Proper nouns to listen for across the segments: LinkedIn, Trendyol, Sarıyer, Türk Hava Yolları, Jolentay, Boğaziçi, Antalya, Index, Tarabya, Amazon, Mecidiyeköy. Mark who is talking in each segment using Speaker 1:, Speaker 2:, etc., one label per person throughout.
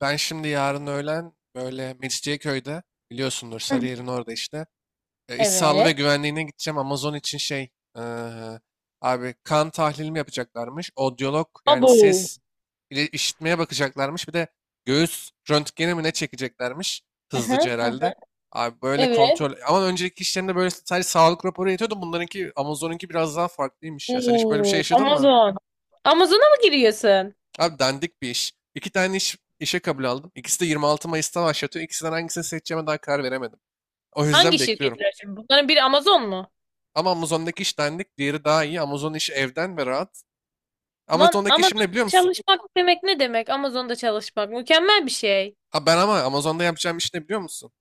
Speaker 1: Ben şimdi yarın öğlen böyle Mecidiyeköy'de biliyorsundur
Speaker 2: Hı hı.
Speaker 1: Sarıyer'in orada işte. E, iş sağlığı ve
Speaker 2: Evet.
Speaker 1: güvenliğine gideceğim. Amazon için e, abi kan tahlilimi yapacaklarmış. Odyolog, yani
Speaker 2: Abo.
Speaker 1: ses ile işitmeye bakacaklarmış. Bir de göğüs röntgeni mi ne çekeceklermiş,
Speaker 2: Hı hı,
Speaker 1: hızlıca
Speaker 2: hı
Speaker 1: herhalde.
Speaker 2: hı.
Speaker 1: Abi böyle
Speaker 2: Evet.
Speaker 1: kontrol. Ama önceki işlerinde böyle sadece sağlık raporu yetiyordu. Bunlarınki, Amazon'unki biraz daha farklıymış ya. Sen hiç böyle bir şey
Speaker 2: Oo,
Speaker 1: yaşadın mı?
Speaker 2: Amazon. Amazon'a mı giriyorsun?
Speaker 1: Abi dandik bir iş. İki tane iş, işe kabul aldım. İkisi de 26 Mayıs'ta başlatıyor. İkisinden hangisini seçeceğime daha karar veremedim. O yüzden
Speaker 2: Hangi
Speaker 1: bekliyorum.
Speaker 2: şirketler şimdi? Bunların biri Amazon mu?
Speaker 1: Ama Amazon'daki iş dandik. Diğeri daha iyi. Amazon işi evden ve rahat.
Speaker 2: Lan
Speaker 1: Amazon'daki
Speaker 2: Amazon
Speaker 1: işim ne biliyor musun?
Speaker 2: çalışmak demek ne demek? Amazon'da çalışmak mükemmel bir şey.
Speaker 1: Ha, ben ama Amazon'da yapacağım iş ne biliyor musun?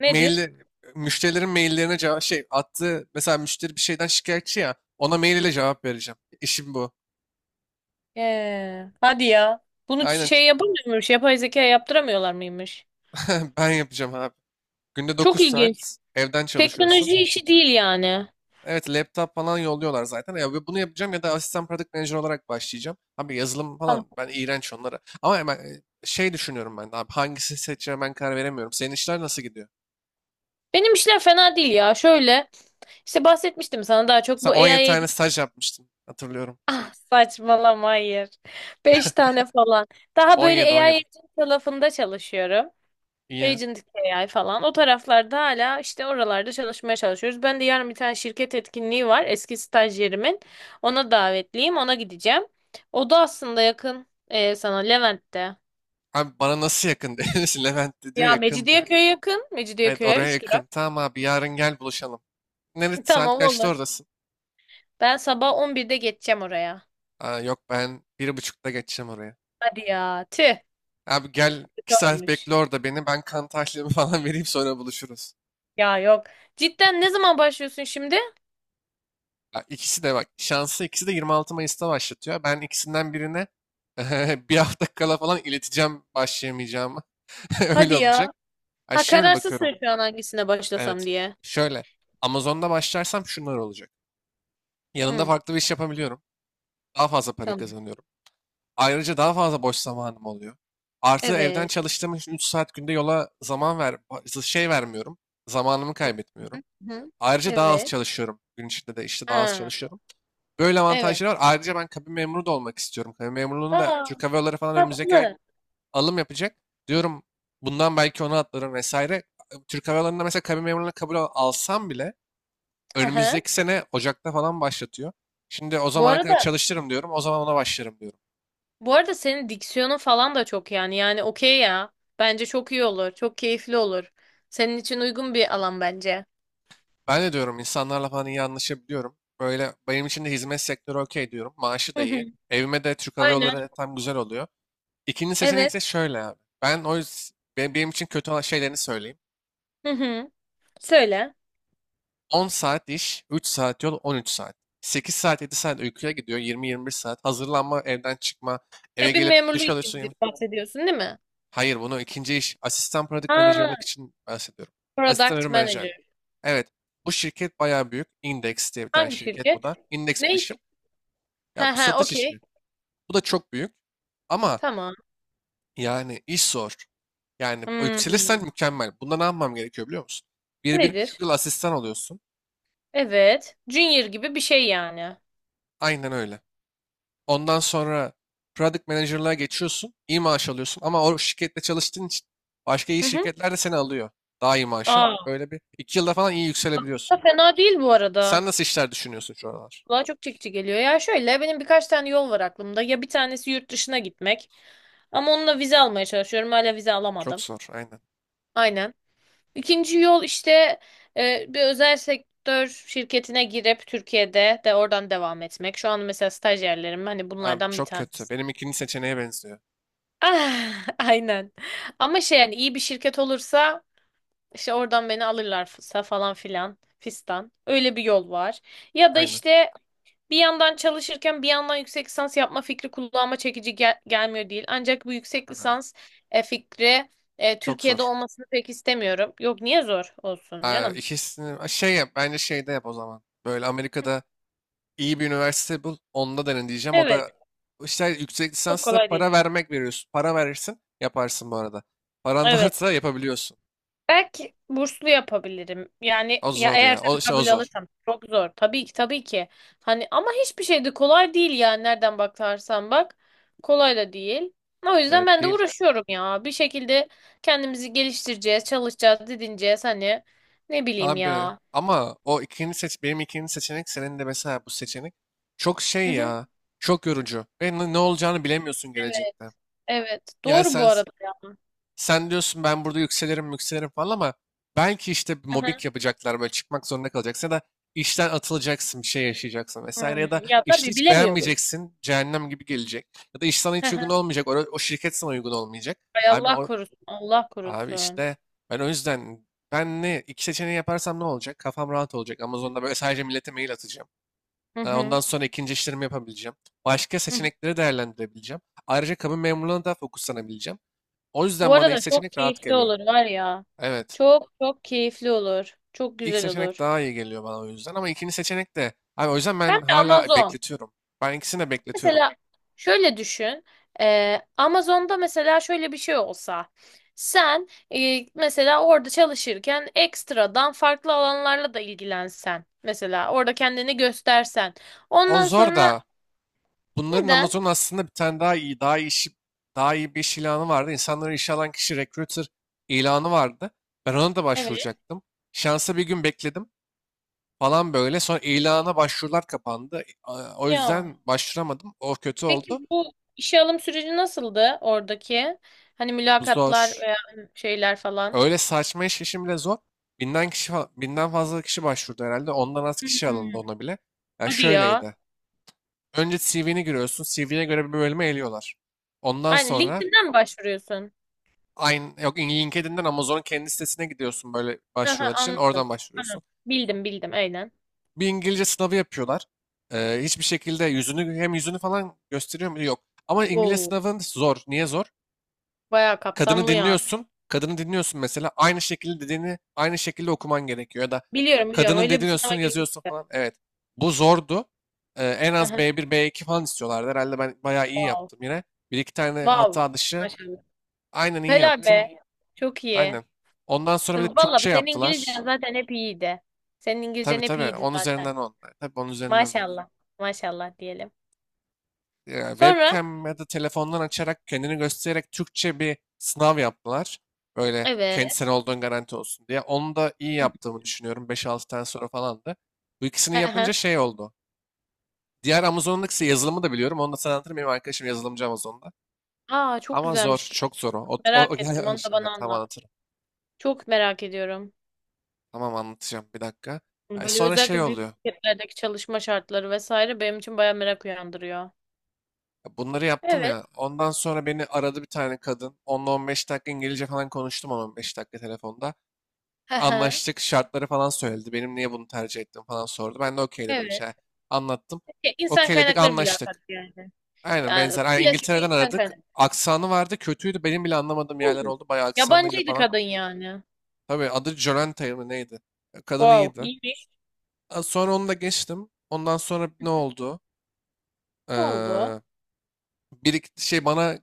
Speaker 2: Nedir?
Speaker 1: Mail, müşterilerin maillerine cevap şey attığı, mesela müşteri bir şeyden şikayetçi ya, ona mail ile cevap vereceğim. İşim bu.
Speaker 2: Hadi ya. Bunu
Speaker 1: Aynen,
Speaker 2: şey yapamıyor muymuş? Yapay zeka yaptıramıyorlar mıymış?
Speaker 1: ben yapacağım abi. Günde
Speaker 2: Çok
Speaker 1: 9
Speaker 2: ilginç.
Speaker 1: saat evden çalışıyorsun.
Speaker 2: Teknoloji işi değil yani.
Speaker 1: Evet, laptop falan yolluyorlar zaten. Ya, ve bunu yapacağım ya da asistan product manager olarak başlayacağım. Abi yazılım
Speaker 2: Tamam.
Speaker 1: falan ben iğrenç onlara. Ama hemen düşünüyorum ben de abi, hangisini seçeceğime ben karar veremiyorum. Senin işler nasıl gidiyor?
Speaker 2: Benim işler fena değil ya. Şöyle işte bahsetmiştim sana daha çok
Speaker 1: Sen
Speaker 2: bu
Speaker 1: 17
Speaker 2: AI.
Speaker 1: tane staj yapmıştın, hatırlıyorum.
Speaker 2: Saçmalama hayır. Beş tane falan. Daha
Speaker 1: On
Speaker 2: böyle
Speaker 1: yedi on
Speaker 2: AI
Speaker 1: yedi.
Speaker 2: agent tarafında çalışıyorum.
Speaker 1: İyi.
Speaker 2: Agent AI falan. O taraflarda hala işte oralarda çalışmaya çalışıyoruz. Ben de yarın bir tane şirket etkinliği var. Eski stajyerimin. Ona davetliyim. Ona gideceğim. O da aslında yakın sana Levent'te.
Speaker 1: Abi bana nasıl yakın demişsin? Levent de diyor
Speaker 2: Ya
Speaker 1: yakın, diyor.
Speaker 2: Mecidiyeköy yakın.
Speaker 1: Evet,
Speaker 2: Mecidiyeköy'e
Speaker 1: oraya
Speaker 2: 3 lira.
Speaker 1: yakın. Tamam abi, yarın gel buluşalım. Nerede, saat
Speaker 2: Tamam
Speaker 1: kaçta
Speaker 2: olur.
Speaker 1: oradasın?
Speaker 2: Ben sabah 11'de geçeceğim oraya.
Speaker 1: Aa, yok, ben bir buçukta geçeceğim oraya.
Speaker 2: Hadi ya. Tüh.
Speaker 1: Abi gel,
Speaker 2: Kötü
Speaker 1: 2 saat
Speaker 2: olmuş.
Speaker 1: bekle orada beni, ben kan tahlilimi falan vereyim, sonra buluşuruz.
Speaker 2: Ya yok. Cidden ne zaman başlıyorsun şimdi?
Speaker 1: Ya, İkisi de bak şansı, ikisi de 26 Mayıs'ta başlatıyor. Ben ikisinden birine bir hafta kala falan ileteceğim başlayamayacağımı.
Speaker 2: Hadi
Speaker 1: Öyle
Speaker 2: ya.
Speaker 1: olacak. Ay
Speaker 2: Ha,
Speaker 1: şimdi bakıyorum.
Speaker 2: kararsızsın şu an hangisine başlasam
Speaker 1: Evet.
Speaker 2: diye.
Speaker 1: Şöyle. Amazon'da başlarsam şunlar olacak. Yanında
Speaker 2: Hı,
Speaker 1: farklı bir iş yapabiliyorum. Daha fazla para
Speaker 2: tamam.
Speaker 1: kazanıyorum. Ayrıca daha fazla boş zamanım oluyor. Artı evden
Speaker 2: Evet.
Speaker 1: çalıştığım için 3 saat günde yola zaman vermiyorum. Zamanımı
Speaker 2: Hı, hı,
Speaker 1: kaybetmiyorum.
Speaker 2: hı.
Speaker 1: Ayrıca daha az
Speaker 2: Evet.
Speaker 1: çalışıyorum. Gün içinde de işte daha az
Speaker 2: Ha,
Speaker 1: çalışıyorum. Böyle
Speaker 2: evet.
Speaker 1: avantajları var. Ayrıca ben kabin memuru da olmak istiyorum. Kabin memurluğunu da
Speaker 2: Aa,
Speaker 1: Türk Hava Yolları falan önümüzdeki ay
Speaker 2: tatlı.
Speaker 1: alım yapacak. Diyorum, bundan belki ona atlarım vesaire. Türk Hava Yolları'nda mesela kabin memurluğuna kabul alsam bile
Speaker 2: Hı hı.
Speaker 1: önümüzdeki sene Ocak'ta falan başlatıyor. Şimdi o
Speaker 2: Bu
Speaker 1: zamana kadar
Speaker 2: arada
Speaker 1: çalıştırırım diyorum. O zaman ona başlarım diyorum.
Speaker 2: bu arada senin diksiyonun falan da çok yani. Yani okey ya. Bence çok iyi olur. Çok keyifli olur. Senin için uygun bir alan bence.
Speaker 1: Ben de diyorum, insanlarla falan iyi anlaşabiliyorum. Böyle benim için de hizmet sektörü okey diyorum. Maaşı
Speaker 2: Hı
Speaker 1: da
Speaker 2: hı.
Speaker 1: iyi. Evime de Türk Hava
Speaker 2: Aynen.
Speaker 1: Yolları tam güzel oluyor. İkinci seçenek
Speaker 2: Evet.
Speaker 1: ise şöyle abi. Benim için kötü olan şeylerini söyleyeyim.
Speaker 2: Hı hı. Söyle.
Speaker 1: 10 saat iş, 3 saat yol, 13 saat. 8 saat, 7 saat uykuya gidiyor. 20-21 saat. Hazırlanma, evden çıkma, eve
Speaker 2: Kabin
Speaker 1: gelip
Speaker 2: memurluğu
Speaker 1: duş
Speaker 2: için
Speaker 1: alıyorsun.
Speaker 2: bahsediyorsun değil mi?
Speaker 1: Hayır, bunu ikinci iş. Asistan product
Speaker 2: Ha,
Speaker 1: manager'lık için bahsediyorum. Asistan
Speaker 2: product
Speaker 1: ürün
Speaker 2: manager.
Speaker 1: menajerlik. Evet, bu şirket bayağı büyük. Index diye bir tane
Speaker 2: Hangi
Speaker 1: şirket bu
Speaker 2: şirket?
Speaker 1: da. Index
Speaker 2: Ne?
Speaker 1: bilişim.
Speaker 2: Ha
Speaker 1: Ya, bu
Speaker 2: ha,
Speaker 1: satış
Speaker 2: okey.
Speaker 1: işi. Bu da çok büyük. Ama
Speaker 2: Tamam.
Speaker 1: yani iş zor. Yani o, yükselirsen
Speaker 2: Hmm.
Speaker 1: mükemmel. Bunda ne yapmam gerekiyor biliyor musun? Bir, bir
Speaker 2: Nedir?
Speaker 1: buçuk yıl asistan oluyorsun.
Speaker 2: Evet. Junior gibi bir şey yani.
Speaker 1: Aynen öyle. Ondan sonra product manager'lığa geçiyorsun. İyi maaş alıyorsun, ama o şirkette çalıştığın için başka iyi
Speaker 2: Hı hı.
Speaker 1: şirketler de seni alıyor. Daha iyi maaşa.
Speaker 2: Aa.
Speaker 1: Böyle bir iki yılda falan iyi yükselebiliyorsun.
Speaker 2: Da fena değil bu
Speaker 1: Sen
Speaker 2: arada.
Speaker 1: nasıl işler düşünüyorsun şu aralar?
Speaker 2: Kulağa çok çekici geliyor. Ya şöyle benim birkaç tane yol var aklımda. Ya bir tanesi yurt dışına gitmek. Ama onunla vize almaya çalışıyorum. Hala vize
Speaker 1: Çok
Speaker 2: alamadım.
Speaker 1: zor, aynen.
Speaker 2: Aynen. İkinci yol işte bir özel sektör şirketine girip Türkiye'de de oradan devam etmek. Şu an mesela stajyerlerim hani
Speaker 1: Abi
Speaker 2: bunlardan bir
Speaker 1: çok kötü.
Speaker 2: tanesi.
Speaker 1: Benim ikinci seçeneğe benziyor.
Speaker 2: Ah, aynen. Ama şey yani iyi bir şirket olursa, İşte oradan beni alırlarsa falan filan fistan. Öyle bir yol var. Ya da
Speaker 1: Aynen.
Speaker 2: işte bir yandan çalışırken bir yandan yüksek lisans yapma fikri kulağıma çekici gelmiyor değil. Ancak bu yüksek
Speaker 1: Aha,
Speaker 2: lisans fikri
Speaker 1: çok
Speaker 2: Türkiye'de
Speaker 1: zor.
Speaker 2: olmasını pek istemiyorum. Yok niye zor olsun
Speaker 1: Aa,
Speaker 2: canım?
Speaker 1: ikisini Aa, şey yap bence, şeyde yap o zaman. Böyle Amerika'da iyi bir üniversite bul. Onda denen diyeceğim. O
Speaker 2: Evet,
Speaker 1: da işte, yüksek
Speaker 2: çok
Speaker 1: lisansta
Speaker 2: kolay değil.
Speaker 1: para vermek veriyorsun. Para verirsin yaparsın bu arada. Paran
Speaker 2: Evet.
Speaker 1: varsa yapabiliyorsun.
Speaker 2: Belki burslu yapabilirim. Yani
Speaker 1: O
Speaker 2: ya
Speaker 1: zor
Speaker 2: eğer
Speaker 1: ya.
Speaker 2: tabii
Speaker 1: O
Speaker 2: kabul
Speaker 1: zor.
Speaker 2: alırsam çok zor. Tabii ki, tabii ki. Hani ama hiçbir şey de kolay değil yani nereden bakarsan bak. Kolay da değil. O yüzden
Speaker 1: Evet
Speaker 2: ben de
Speaker 1: değil.
Speaker 2: uğraşıyorum ya. Bir şekilde kendimizi geliştireceğiz, çalışacağız, didineceğiz hani. Ne bileyim
Speaker 1: Abi
Speaker 2: ya.
Speaker 1: ama o ikinci seç Benim ikinci seçenek, senin de mesela bu seçenek çok
Speaker 2: Hı
Speaker 1: şey
Speaker 2: hı.
Speaker 1: ya. Çok yorucu. Ve ne olacağını bilemiyorsun
Speaker 2: Evet,
Speaker 1: gelecekte.
Speaker 2: evet.
Speaker 1: Yani
Speaker 2: Doğru bu
Speaker 1: sen
Speaker 2: arada ya.
Speaker 1: sen diyorsun, ben burada yükselirim yükselirim falan, ama belki işte bir
Speaker 2: Hı hı.
Speaker 1: mobbing yapacaklar, böyle çıkmak zorunda kalacaksın ya da işten atılacaksın, bir şey yaşayacaksın vesaire,
Speaker 2: Hmm.
Speaker 1: ya da
Speaker 2: Ya
Speaker 1: işte
Speaker 2: tabii
Speaker 1: hiç
Speaker 2: bilemiyoruz.
Speaker 1: beğenmeyeceksin, cehennem gibi gelecek ya da iş sana
Speaker 2: Hı
Speaker 1: hiç uygun
Speaker 2: hı.
Speaker 1: olmayacak, o şirket sana uygun olmayacak.
Speaker 2: Ay,
Speaker 1: Abi
Speaker 2: Allah
Speaker 1: o,
Speaker 2: korusun, Allah
Speaker 1: Abi
Speaker 2: korusun.
Speaker 1: işte, ben o yüzden, ben ne iki seçeneği yaparsam ne olacak? Kafam rahat olacak. Amazon'da böyle sadece millete mail atacağım.
Speaker 2: Hı
Speaker 1: Ondan
Speaker 2: hı.
Speaker 1: sonra ikinci işlerimi yapabileceğim. Başka
Speaker 2: Hı hı.
Speaker 1: seçenekleri değerlendirebileceğim. Ayrıca kabin memurluğuna da fokuslanabileceğim. O
Speaker 2: Bu
Speaker 1: yüzden bana ilk
Speaker 2: arada çok
Speaker 1: seçenek rahat
Speaker 2: keyifli
Speaker 1: geliyor.
Speaker 2: olur var ya.
Speaker 1: Evet.
Speaker 2: Çok çok keyifli olur. Çok
Speaker 1: ilk
Speaker 2: güzel
Speaker 1: seçenek
Speaker 2: olur.
Speaker 1: daha iyi geliyor bana, o yüzden. Ama ikinci seçenek de abi, o yüzden
Speaker 2: Hem
Speaker 1: ben
Speaker 2: de
Speaker 1: hala
Speaker 2: Amazon.
Speaker 1: bekletiyorum. Ben ikisini de bekletiyorum.
Speaker 2: Mesela şöyle düşün. Amazon'da mesela şöyle bir şey olsa. Sen mesela orada çalışırken ekstradan farklı alanlarla da ilgilensen. Mesela orada kendini göstersen.
Speaker 1: O
Speaker 2: Ondan
Speaker 1: zor
Speaker 2: sonra
Speaker 1: da. Bunların,
Speaker 2: neden?
Speaker 1: Amazon aslında bir tane daha iyi bir iş ilanı vardı. İnsanları işe alan kişi, recruiter ilanı vardı. Ben ona da
Speaker 2: Evet.
Speaker 1: başvuracaktım. Şansa bir gün bekledim falan böyle. Sonra ilana başvurular kapandı. O
Speaker 2: Ya.
Speaker 1: yüzden başvuramadım. O kötü oldu.
Speaker 2: Peki bu işe alım süreci nasıldı oradaki? Hani
Speaker 1: Bu
Speaker 2: mülakatlar
Speaker 1: zor.
Speaker 2: veya şeyler falan.
Speaker 1: Öyle saçma işim bile zor. Binden fazla kişi başvurdu herhalde. Ondan az kişi alındı
Speaker 2: Hmm.
Speaker 1: ona bile. Ya
Speaker 2: Hadi ya.
Speaker 1: şöyleydi. Önce CV'ni giriyorsun. CV'ne göre bir bölüme eliyorlar. Ondan
Speaker 2: Aynen,
Speaker 1: sonra.
Speaker 2: LinkedIn'den mi başvuruyorsun?
Speaker 1: Aynı, yok, LinkedIn'den Amazon'un kendi sitesine gidiyorsun, böyle
Speaker 2: Aha,
Speaker 1: başvurular için.
Speaker 2: anladım.
Speaker 1: Oradan
Speaker 2: Tamam.
Speaker 1: başvuruyorsun.
Speaker 2: Bildim, bildim, aynen.
Speaker 1: Bir İngilizce sınavı yapıyorlar. Hiçbir şekilde yüzünü, hem yüzünü falan gösteriyor mu? Yok. Ama İngilizce
Speaker 2: Oo,
Speaker 1: sınavın zor. Niye zor?
Speaker 2: bayağı
Speaker 1: Kadını
Speaker 2: kapsamlı yani.
Speaker 1: dinliyorsun. Kadını dinliyorsun mesela. Aynı şekilde dediğini aynı şekilde okuman gerekiyor. Ya da
Speaker 2: Biliyorum, biliyorum,
Speaker 1: kadının
Speaker 2: öyle bir sınava
Speaker 1: dediğini yazıyorsun
Speaker 2: girmiştim.
Speaker 1: falan. Evet. Bu zordu. En az
Speaker 2: Aha,
Speaker 1: B1, B2 falan istiyorlardı. Herhalde ben bayağı iyi
Speaker 2: wow.
Speaker 1: yaptım yine. Bir iki tane
Speaker 2: Wow.
Speaker 1: hata dışı
Speaker 2: Maşallah.
Speaker 1: aynen iyi
Speaker 2: Helal
Speaker 1: yaptım.
Speaker 2: be. Çok iyi.
Speaker 1: Aynen. Ondan sonra bir de
Speaker 2: Vallahi
Speaker 1: Türkçe
Speaker 2: senin İngilizcen
Speaker 1: yaptılar.
Speaker 2: zaten hep iyiydi. Senin
Speaker 1: Tabii
Speaker 2: İngilizcen hep
Speaker 1: tabii.
Speaker 2: iyiydi
Speaker 1: On
Speaker 2: zaten.
Speaker 1: üzerinden on. Tabii, on üzerinden on.
Speaker 2: Maşallah. Maşallah diyelim.
Speaker 1: Ya,
Speaker 2: Sonra
Speaker 1: webcam ya da telefondan açarak, kendini göstererek Türkçe bir sınav yaptılar. Böyle
Speaker 2: evet.
Speaker 1: kendisine olduğun garanti olsun diye. Onu da iyi yaptığımı düşünüyorum. 5-6 tane soru falandı. Bu ikisini yapınca
Speaker 2: Aha.
Speaker 1: şey oldu. Diğer, Amazon'un ikisi yazılımı da biliyorum. Onu da sana anlatırım. Benim arkadaşım yazılımcı Amazon'da.
Speaker 2: Aa, çok
Speaker 1: Ama zor.
Speaker 2: güzelmiş bu.
Speaker 1: Çok zor o. O, o-
Speaker 2: Merak ettim. Onu da bana
Speaker 1: evet, tamam,
Speaker 2: anlat.
Speaker 1: anlatırım.
Speaker 2: Çok merak ediyorum.
Speaker 1: Tamam, anlatacağım. Bir dakika.
Speaker 2: Yani
Speaker 1: Ay,
Speaker 2: böyle
Speaker 1: sonra şey
Speaker 2: özellikle büyük
Speaker 1: oluyor.
Speaker 2: şirketlerdeki çalışma şartları vesaire benim için bayağı merak uyandırıyor.
Speaker 1: Bunları yaptım
Speaker 2: Evet.
Speaker 1: ya. Ondan sonra beni aradı bir tane kadın. Onunla 15 dakika İngilizce falan konuştum, 10-15 dakika telefonda.
Speaker 2: Hı hı.
Speaker 1: Anlaştık, şartları falan söyledi. Benim niye bunu tercih ettim falan sordu. Ben de okey dedim
Speaker 2: Evet.
Speaker 1: işte. Anlattım.
Speaker 2: Ya, insan
Speaker 1: Okeyledik,
Speaker 2: kaynakları mülakatı
Speaker 1: anlaştık.
Speaker 2: yani.
Speaker 1: Aynen
Speaker 2: Yani
Speaker 1: benzer. Aynen,
Speaker 2: klasik bir
Speaker 1: İngiltere'den
Speaker 2: insan
Speaker 1: aradık.
Speaker 2: kaynakları.
Speaker 1: Aksanı vardı, kötüydü. Benim bile anlamadığım yerler
Speaker 2: Oo.
Speaker 1: oldu. Bayağı aksanıyla
Speaker 2: Yabancıydı
Speaker 1: falan.
Speaker 2: kadın yani.
Speaker 1: Tabii, adı Jolentay mı neydi? Kadın
Speaker 2: Wow,
Speaker 1: iyiydi.
Speaker 2: iyiymiş.
Speaker 1: Sonra onu da geçtim. Ondan sonra ne oldu?
Speaker 2: Ne oldu?
Speaker 1: Ee, Bir iki şey bana,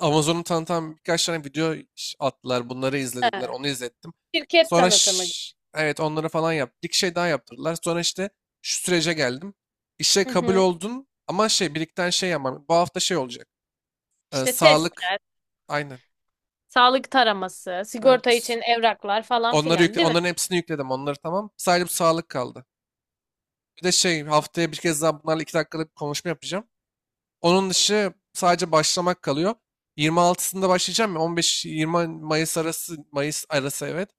Speaker 1: Amazon'u tanıtan birkaç tane video attılar. Bunları izlediler.
Speaker 2: He.
Speaker 1: Onu izlettim.
Speaker 2: Şirket
Speaker 1: Sonra
Speaker 2: tanıtımı.
Speaker 1: evet, onları falan yaptık. Bir şey daha yaptırdılar. Sonra işte şu sürece geldim. İşe
Speaker 2: Hı
Speaker 1: kabul
Speaker 2: hı.
Speaker 1: oldun ama şey, birikten şey yapmam. Bu hafta şey olacak.
Speaker 2: İşte test,
Speaker 1: Sağlık. Aynen.
Speaker 2: sağlık taraması,
Speaker 1: Ee,
Speaker 2: sigorta
Speaker 1: ps-
Speaker 2: için evraklar falan
Speaker 1: Onları
Speaker 2: filan,
Speaker 1: yükle,
Speaker 2: değil mi?
Speaker 1: onların hepsini yükledim. Onları tamam. Sadece bu sağlık kaldı. Bir de haftaya bir kez daha bunlarla 2 dakikalık bir konuşma yapacağım. Onun dışı sadece başlamak kalıyor. 26'sında başlayacağım ya, 15-20 Mayıs arası, evet.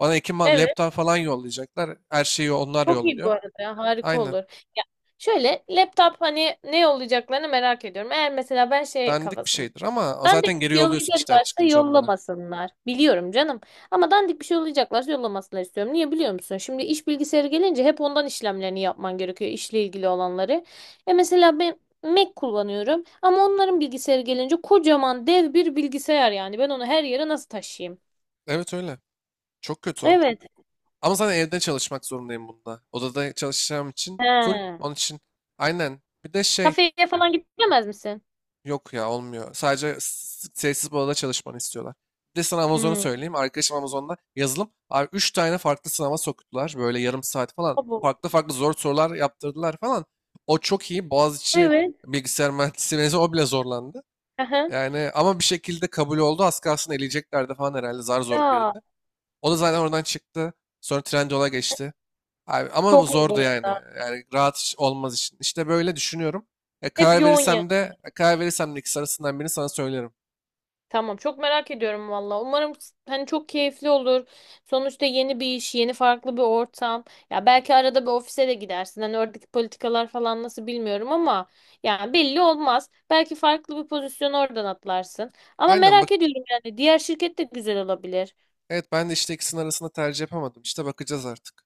Speaker 1: Bana
Speaker 2: Evet.
Speaker 1: laptop falan yollayacaklar. Her şeyi onlar
Speaker 2: Çok iyi bu
Speaker 1: yolluyor.
Speaker 2: arada. Harika
Speaker 1: Aynen.
Speaker 2: olur. Ya şöyle, laptop hani ne olacaklarını merak ediyorum. Eğer mesela ben şey
Speaker 1: Dandik bir
Speaker 2: kafasındayım.
Speaker 1: şeydir ama
Speaker 2: Dandik
Speaker 1: zaten geri
Speaker 2: bir şey
Speaker 1: yolluyorsun işten
Speaker 2: yollayacaklarsa
Speaker 1: çıkınca onlara.
Speaker 2: yollamasınlar. Biliyorum canım. Ama dandik bir şey yollayacaklarsa yollamasınlar istiyorum. Niye biliyor musun? Şimdi iş bilgisayarı gelince hep ondan işlemlerini yapman gerekiyor, işle ilgili olanları. E, mesela ben Mac kullanıyorum. Ama onların bilgisayarı gelince kocaman dev bir bilgisayar yani. Ben onu her yere nasıl taşıyayım?
Speaker 1: Evet öyle. Çok kötü o.
Speaker 2: Evet.
Speaker 1: Ama zaten evde çalışmak zorundayım bunda. Odada çalışacağım için full.
Speaker 2: He.
Speaker 1: Onun için aynen. Bir de şey
Speaker 2: Kafeye falan gidemez misin?
Speaker 1: Yok ya, olmuyor. Sadece sessiz bir odada çalışmanı istiyorlar. Bir de sana Amazon'u
Speaker 2: Hmm.
Speaker 1: söyleyeyim. Arkadaşım Amazon'da yazılım. Abi 3 tane farklı sınava soktular. Böyle yarım saat falan.
Speaker 2: Abo.
Speaker 1: Farklı farklı zor sorular yaptırdılar falan. O çok iyi. Boğaziçi
Speaker 2: Evet.
Speaker 1: bilgisayar mühendisliği mezunu, o bile zorlandı.
Speaker 2: Aha.
Speaker 1: Yani ama bir şekilde kabul oldu. Az kalsın eleyeceklerdi falan herhalde. Zar zor
Speaker 2: Ya,
Speaker 1: girdi. O da zaten oradan çıktı. Sonra Trendyol'a geçti. Abi, ama bu
Speaker 2: çok iyi bu
Speaker 1: zordu yani.
Speaker 2: arada.
Speaker 1: Yani rahat iş olmaz için. İşte böyle düşünüyorum.
Speaker 2: Hep yoğun ya.
Speaker 1: Karar verirsem de ikisi arasından birini sana söylerim.
Speaker 2: Tamam, çok merak ediyorum valla. Umarım hani çok keyifli olur. Sonuçta yeni bir iş, yeni farklı bir ortam. Ya belki arada bir ofise de gidersin. Hani oradaki politikalar falan nasıl bilmiyorum ama yani belli olmaz. Belki farklı bir pozisyon oradan atlarsın. Ama
Speaker 1: Aynen bak.
Speaker 2: merak ediyorum yani, diğer şirket de güzel olabilir.
Speaker 1: Evet, ben de işte ikisinin arasında tercih yapamadım. İşte bakacağız artık.